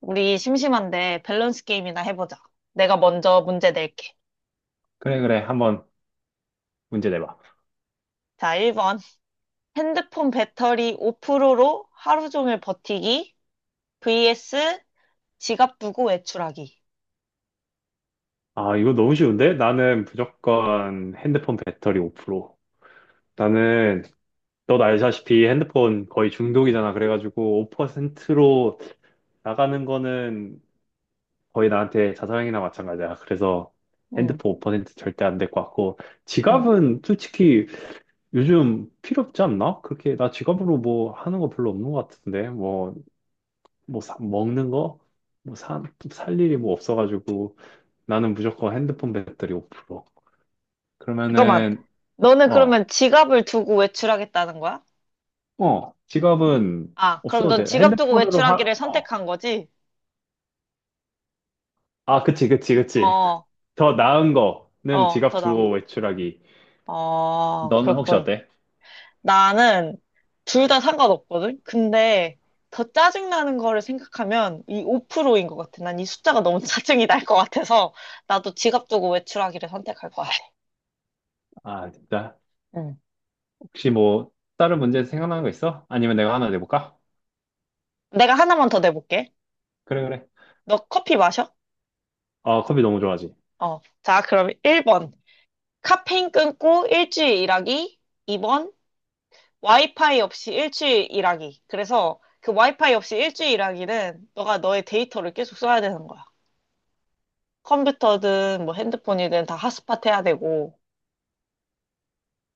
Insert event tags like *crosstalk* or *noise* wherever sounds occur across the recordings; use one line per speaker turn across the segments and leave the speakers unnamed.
우리 심심한데 밸런스 게임이나 해보자. 내가 먼저 문제 낼게.
그래, 그래. 한번 문제 내봐.
자, 1번. 핸드폰 배터리 5%로 하루 종일 버티기 vs 지갑 두고 외출하기.
아, 이거 너무 쉬운데? 나는 무조건 핸드폰 배터리 5%. 나는, 너도 알다시피 핸드폰 거의 중독이잖아. 그래가지고 5%로 나가는 거는 거의 나한테 자살행위나 마찬가지야. 그래서
응,
핸드폰 5% 절대 안 될 것 같고.
응.
지갑은 솔직히 요즘 필요 없지 않나? 그렇게, 나 지갑으로 뭐 하는 거 별로 없는 것 같은데. 뭐, 먹는 거? 뭐, 살 일이 뭐 없어가지고. 나는 무조건 핸드폰 배터리 5%.
잠깐만.
그러면은,
너는
어,
그러면 지갑을 두고 외출하겠다는 거야?
어, 지갑은
아, 그럼
없어도
넌
돼.
지갑 두고
핸드폰으로
외출하기를
어.
선택한 거지?
아, 그치, 그치, 그치.
어,
더 나은 거는
어,
지갑
더 나은
두고
거.
외출하기.
어,
너는 혹시
그렇군.
어때?
나는 둘 다 상관없거든? 근데 더 짜증나는 거를 생각하면 이 5%인 것 같아. 난 이 숫자가 너무 *laughs* 짜증이 날 것 같아서 나도 지갑 두고 외출하기를 선택할 것 같아.
아, 진짜?
응.
혹시 뭐, 다른 문제 생각나는 거 있어? 아니면 내가 하나 내볼까?
내가 하나만 더 내볼게.
그래, 그래.
너 커피 마셔?
아, 커피 너무 좋아하지.
어. 자, 그럼 1번. 카페인 끊고 일주일 일하기. 2번. 와이파이 없이 일주일 일하기. 그래서 그 와이파이 없이 일주일 일하기는 너가 너의 데이터를 계속 써야 되는 거야. 컴퓨터든 뭐 핸드폰이든 다 핫스팟 해야 되고.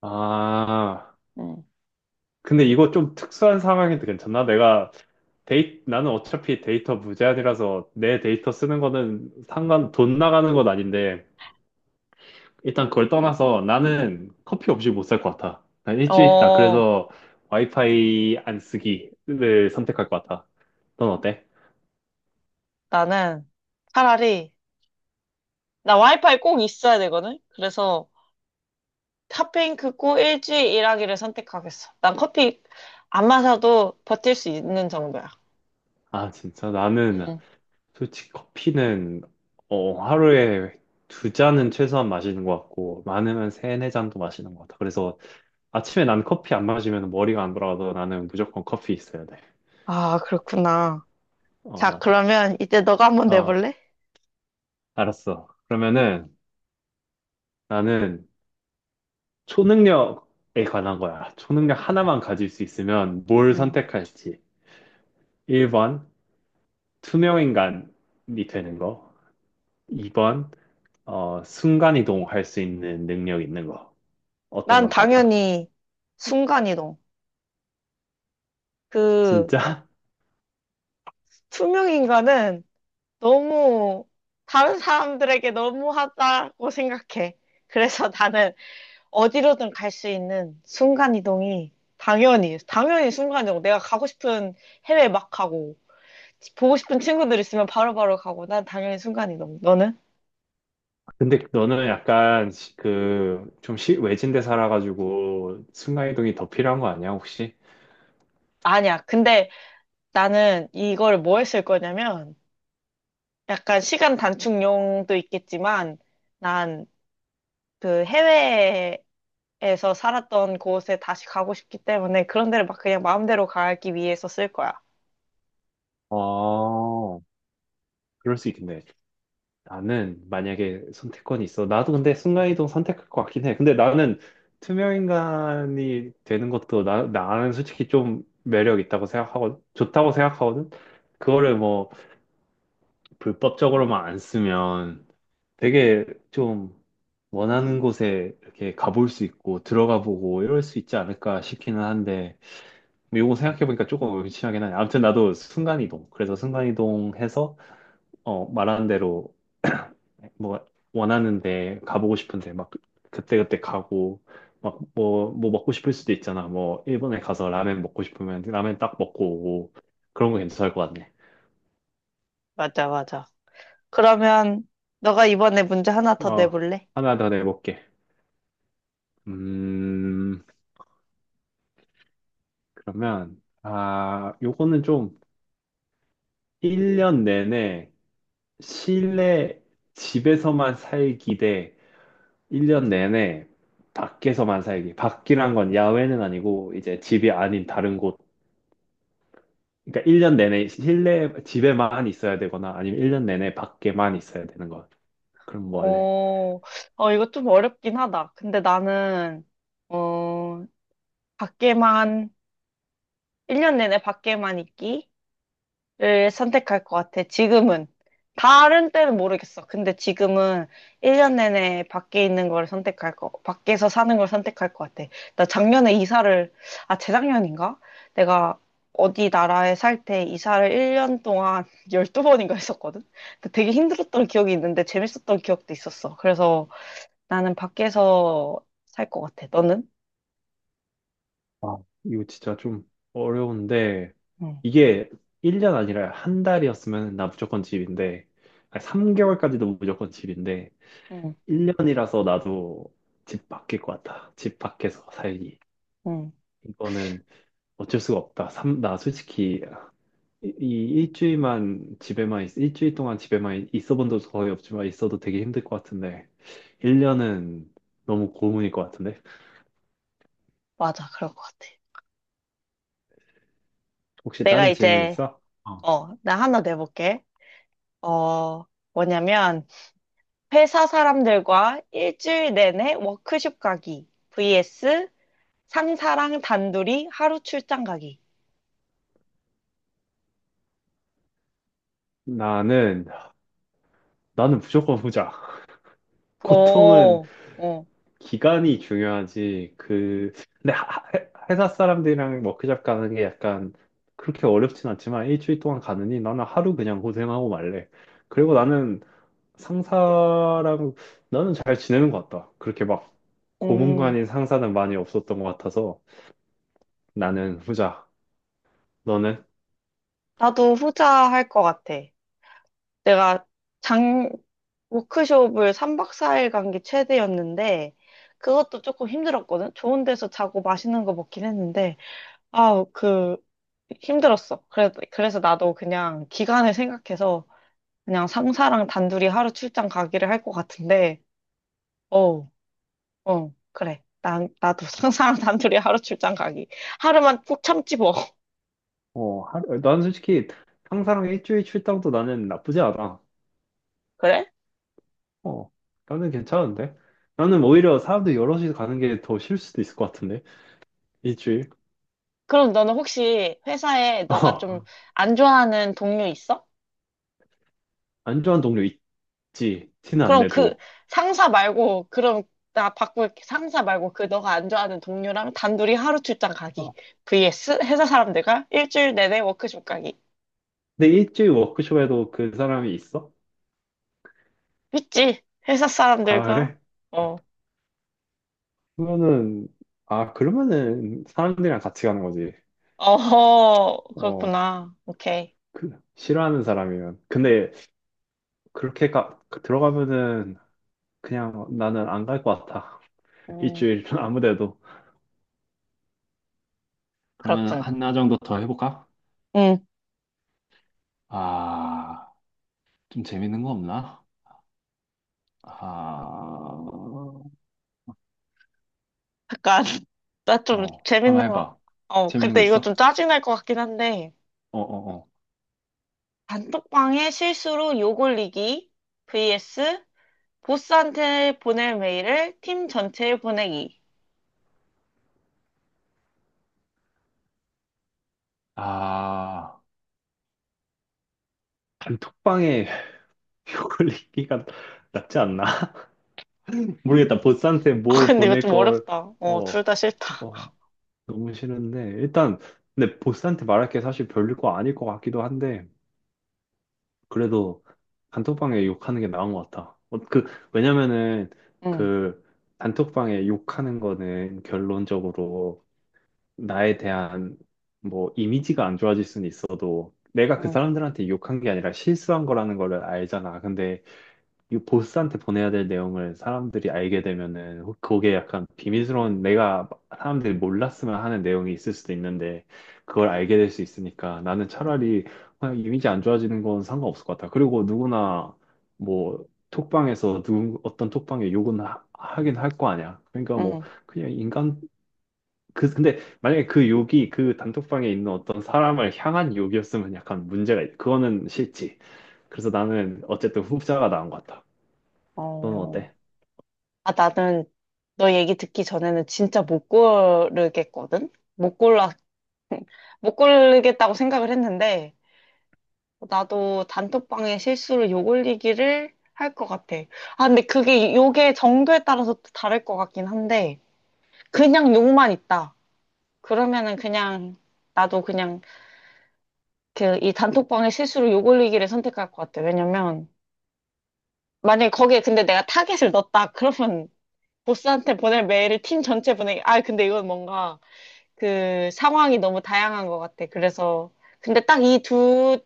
아,
응.
근데 이거 좀 특수한 상황인데 괜찮나? 내가 나는 어차피 데이터 무제한이라서 내 데이터 쓰는 거는 상관, 돈 나가는 건 아닌데, 일단 그걸 떠나서 나는 커피 없이 못 살 것 같아. 난 일주일 있다.
어,
그래서 와이파이 안 쓰기를 선택할 것 같아. 넌 어때?
나는 차라리, 나 와이파이 꼭 있어야 되거든? 그래서 핫핑크 고 일주일 일하기를 선택하겠어. 난 커피 안 마셔도 버틸 수 있는 정도야.
아, 진짜 나는
응.
솔직히 커피는 하루에 두 잔은 최소한 마시는 것 같고 많으면 세네 잔도 마시는 것 같아. 그래서 아침에 난 커피 안 마시면 머리가 안 돌아가서 나는 무조건 커피 있어야 돼.
아, 그렇구나.
어,
자,
맞아.
그러면 이제 너가 한번
어,
내볼래?
알았어. 그러면은 나는 초능력에 관한 거야. 초능력 하나만 가질 수 있으면 뭘
응.
선택할지. 1번, 투명인간이 되는 거. 2번, 순간이동할 수 있는 능력 있는 거. 어떤
난
걸 것 같아?
당연히 순간이동. 그
진짜? *laughs*
투명인간은 너무 다른 사람들에게 너무하다고 생각해. 그래서 나는 어디로든 갈 수 있는 순간 이동이 당연히 당연히 순간 이동. 내가 가고 싶은 해외 막 가고 보고 싶은 친구들 있으면 바로바로 가고 난 당연히 순간 이동. 너는?
근데 너는 약간 그, 좀 외진데 살아가지고 순간이동이 더 필요한 거 아니야, 혹시?
아니야. 근데 나는 이걸 뭐 했을 거냐면 약간 시간 단축용도 있겠지만 난 그 해외에서 살았던 곳에 다시 가고 싶기 때문에 그런 데를 막 그냥 마음대로 가기 위해서 쓸 거야.
어, 그럴 수 있겠네. 나는 만약에 선택권이 있어. 나도 근데 순간이동 선택할 것 같긴 해. 근데 나는 투명인간이 되는 것도 나는 솔직히 좀 매력 있다고 생각하고, 좋다고 생각하거든? 그거를 뭐 불법적으로만 안 쓰면 되게 좀 원하는 곳에 이렇게 가볼 수 있고, 들어가 보고 이럴 수 있지 않을까 싶기는 한데, 뭐 이거 생각해보니까 조금 의심하긴 하네. 아무튼 나도 순간이동. 그래서 순간이동 해서, 말하는 대로 뭐 원하는데 가보고 싶은데 막 그때그때 가고 막 뭐 뭐 먹고 싶을 수도 있잖아. 뭐 일본에 가서 라멘 먹고 싶으면 라멘 딱 먹고 오고 그런 거 괜찮을 것 같네.
맞아, 맞아. 그러면 너가 이번에 문제 하나 더
어,
내볼래?
하나 더 내볼게. 음 그러면 아, 요거는 좀 1년 내내 실내 집에서만 살기 대 1년 내내 밖에서만 살기. 밖이란 건 야외는 아니고 이제 집이 아닌 다른 곳. 그러니까 1년 내내 실내 집에만 있어야 되거나 아니면 1년 내내 밖에만 있어야 되는 거. 그럼 뭐 할래?
어, 이거 좀 어렵긴 하다. 근데 나는, 어, 밖에만, 1년 내내 밖에만 있기를 선택할 것 같아. 지금은. 다른 때는 모르겠어. 근데 지금은 1년 내내 밖에 있는 걸 선택할 거, 밖에서 사는 걸 선택할 것 같아. 나 작년에 이사를, 아, 재작년인가? 내가 어디 나라에 살 때 이사를 1년 동안 *laughs* 12번인가 했었거든? 근데 되게 힘들었던 기억이 있는데 재밌었던 기억도 있었어. 그래서 나는 밖에서 살 것 같아. 너는?
아, 이거 진짜 좀 어려운데
응,
이게 1년 아니라 한 달이었으면 나 무조건 집인데 아니, 3개월까지도 무조건 집인데
응,
1년이라서 나도 집 밖일 것 같아. 집 밖에서 살기.
응.
이거는 어쩔 수가 없다. 나 솔직히 이 일주일 동안 집에만 있어본 적도 거의 없지만 있어도 되게 힘들 것 같은데 1년은 너무 고문일 것 같은데.
맞아. 그럴 것 같아.
혹시
내가
다른 질문
이제,
있어? 어.
나 하나 내볼게. 어, 뭐냐면, 회사 사람들과 일주일 내내 워크숍 가기. vs 상사랑 단둘이 하루 출장 가기.
나는 나는 무조건 후자. *laughs* 고통은
어, 어,
기간이 중요하지. 그 근데 회사 사람들이랑 워크숍 가는 게 약간 그렇게 어렵진 않지만 일주일 동안 가느니 나는 하루 그냥 고생하고 말래. 그리고 나는 상사랑 나는 잘 지내는 것 같다. 그렇게 막
음,
고문관인 상사는 많이 없었던 것 같아서 나는 후자. 너는?
나도 후자 할 것 같아. 내가 작, 워크숍을 3박 4일 간 게 최대였는데, 그것도 조금 힘들었거든? 좋은 데서 자고 맛있는 거 먹긴 했는데, 아, 그, 힘들었어. 그래, 그래서 나도 그냥 기간을 생각해서 그냥 상사랑 단둘이 하루 출장 가기를 할 것 같은데, 어, 그래. 나도 *laughs* 상사랑 단둘이 하루 출장 가기. 하루만 푹 참지 뭐. *laughs*
나는 솔직히 상사랑 일주일 출장도 나는 나쁘지 않아.
그래?
어, 나는 괜찮은데? 나는 오히려 사람들 여럿이 가는 게 더 싫을 수도 있을 것 같은데? 일주일?
그럼 너는 혹시 회사에
*laughs*
너가 좀
어,
안 좋아하는 동료 있어?
안 좋아하는 동료 있지. 티는 안
그럼 그
내도.
상사 말고 그럼 나 바꿀게. 상사 말고 그 너가 안 좋아하는 동료랑 단둘이 하루 출장 가기.
어,
vs 회사 사람들과 일주일 내내 워크숍 가기.
근데 일주일 워크숍에도 그 사람이 있어?
있지? 회사
아,
사람들과
그래?
어.
그러면은, 아, 그러면은 사람들이랑 같이 가는 거지.
어허.
어,
그렇구나. 오케이.
그, 싫어하는 사람이면. 근데 그렇게 들어가면은 그냥 나는 안 갈 것 같아. *laughs*
음.
일주일 아무 데도. 그러면
그렇군.
하나 정도 더 해볼까?
음.
아, 좀 재밌는 거 없나? 아,
약간 *laughs* 나 좀
어, 하나
재밌는 거.
해봐.
어,
재밌는 거
근데 이거
있어?
좀 짜증날 것 같긴 한데.
어, 어, 어.
단톡방에 실수로 욕 올리기 vs 보스한테 보낼 메일을 팀 전체에 보내기.
아, 단톡방에 *laughs* 욕걸리기가 낫지 않나? *laughs* 모르겠다. 보스한테
아,
뭘
근데 이거
보낼
좀
걸,
어렵다. 어,
어,
둘 다 싫다.
어, 너무 싫은데 일단 근데 보스한테 말할 게 사실 별일 거 아닐 것 같기도 한데 그래도 단톡방에 욕하는 게 나은 것 같아. 그 왜냐면은
응,
그 단톡방에 욕하는 거는 결론적으로 나에 대한 뭐 이미지가 안 좋아질 수는 있어도 내가 그
응,
사람들한테 욕한 게 아니라 실수한 거라는 거를 알잖아. 근데 이 보스한테 보내야 될 내용을 사람들이 알게 되면은 그게 약간 비밀스러운, 내가 사람들이 몰랐으면 하는 내용이 있을 수도 있는데 그걸 알게 될 수 있으니까 나는 차라리 그냥 이미지 안 좋아지는 건 상관없을 것 같아. 그리고 누구나 뭐 톡방에서 누 어떤 톡방에 욕은 하긴 할 거 아니야. 그러니까 뭐
응.
그냥 인간. 그 근데 만약에 그 욕이 그 단톡방에 있는 어떤 사람을 향한 욕이었으면 약간 문제가 그거는 싫지. 그래서 나는 어쨌든 후자가 나은 것 같아. 너는
어.
어때?
아, 나는 너 얘기 듣기 전에는 진짜 못 고르겠거든? 못 골라, *laughs* 못 고르겠다고 생각을 했는데, 나도 단톡방에 실수로 욕 올리기를 할 것 같아. 아, 근데 그게 욕의 정도에 따라서 또 다를 것 같긴 한데, 그냥 욕만 있다. 그러면은 그냥, 나도 그냥 그 이 단톡방에 실수로 욕 올리기를 선택할 것 같아. 왜냐면, 만약에 거기에 근데 내가 타겟을 넣었다. 그러면 보스한테 보낼 메일을 팀 전체 보내기. 아, 근데 이건 뭔가 그 상황이 너무 다양한 것 같아. 그래서 근데 딱 이 두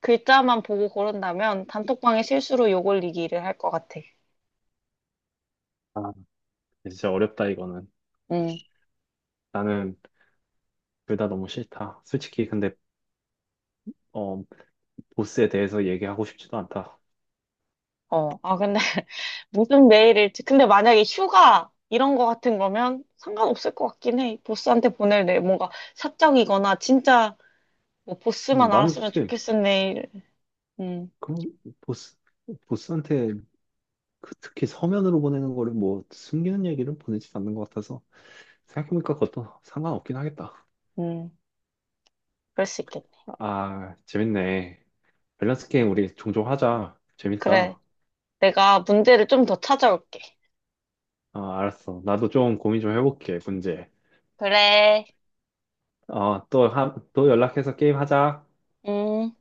글자만 보고 고른다면 단톡방에 실수로 욕 올리기를 할 것 같아.
아, 진짜 어렵다, 이거는.
음.
나는 둘 다 너무 싫다. 솔직히, 근데, 어, 보스에 대해서 얘기하고 싶지도 않다.
어. 아, 근데 *laughs* 무슨 메일을 근데 만약에 휴가 이런 거 같은 거면 상관없을 것 같긴 해. 보스한테 보낼 내 뭔가 사적이거나 진짜 뭐 보스만
나는
알았으면
솔직히,
좋겠은 내일. 음.
그, 보스, 보스한테 그 특히 서면으로 보내는 거를 뭐, 숨기는 얘기를 보내지 않는 것 같아서, 생각해보니까 그것도 상관없긴 하겠다.
음. 그럴 수 있겠네.
아, 재밌네. 밸런스 게임 우리 종종 하자.
그래.
재밌다.
내가 문제를 좀 더 찾아올게.
아, 알았어. 나도 좀 고민 좀 해볼게, 문제.
그래.
어, 또 연락해서 게임 하자.
음.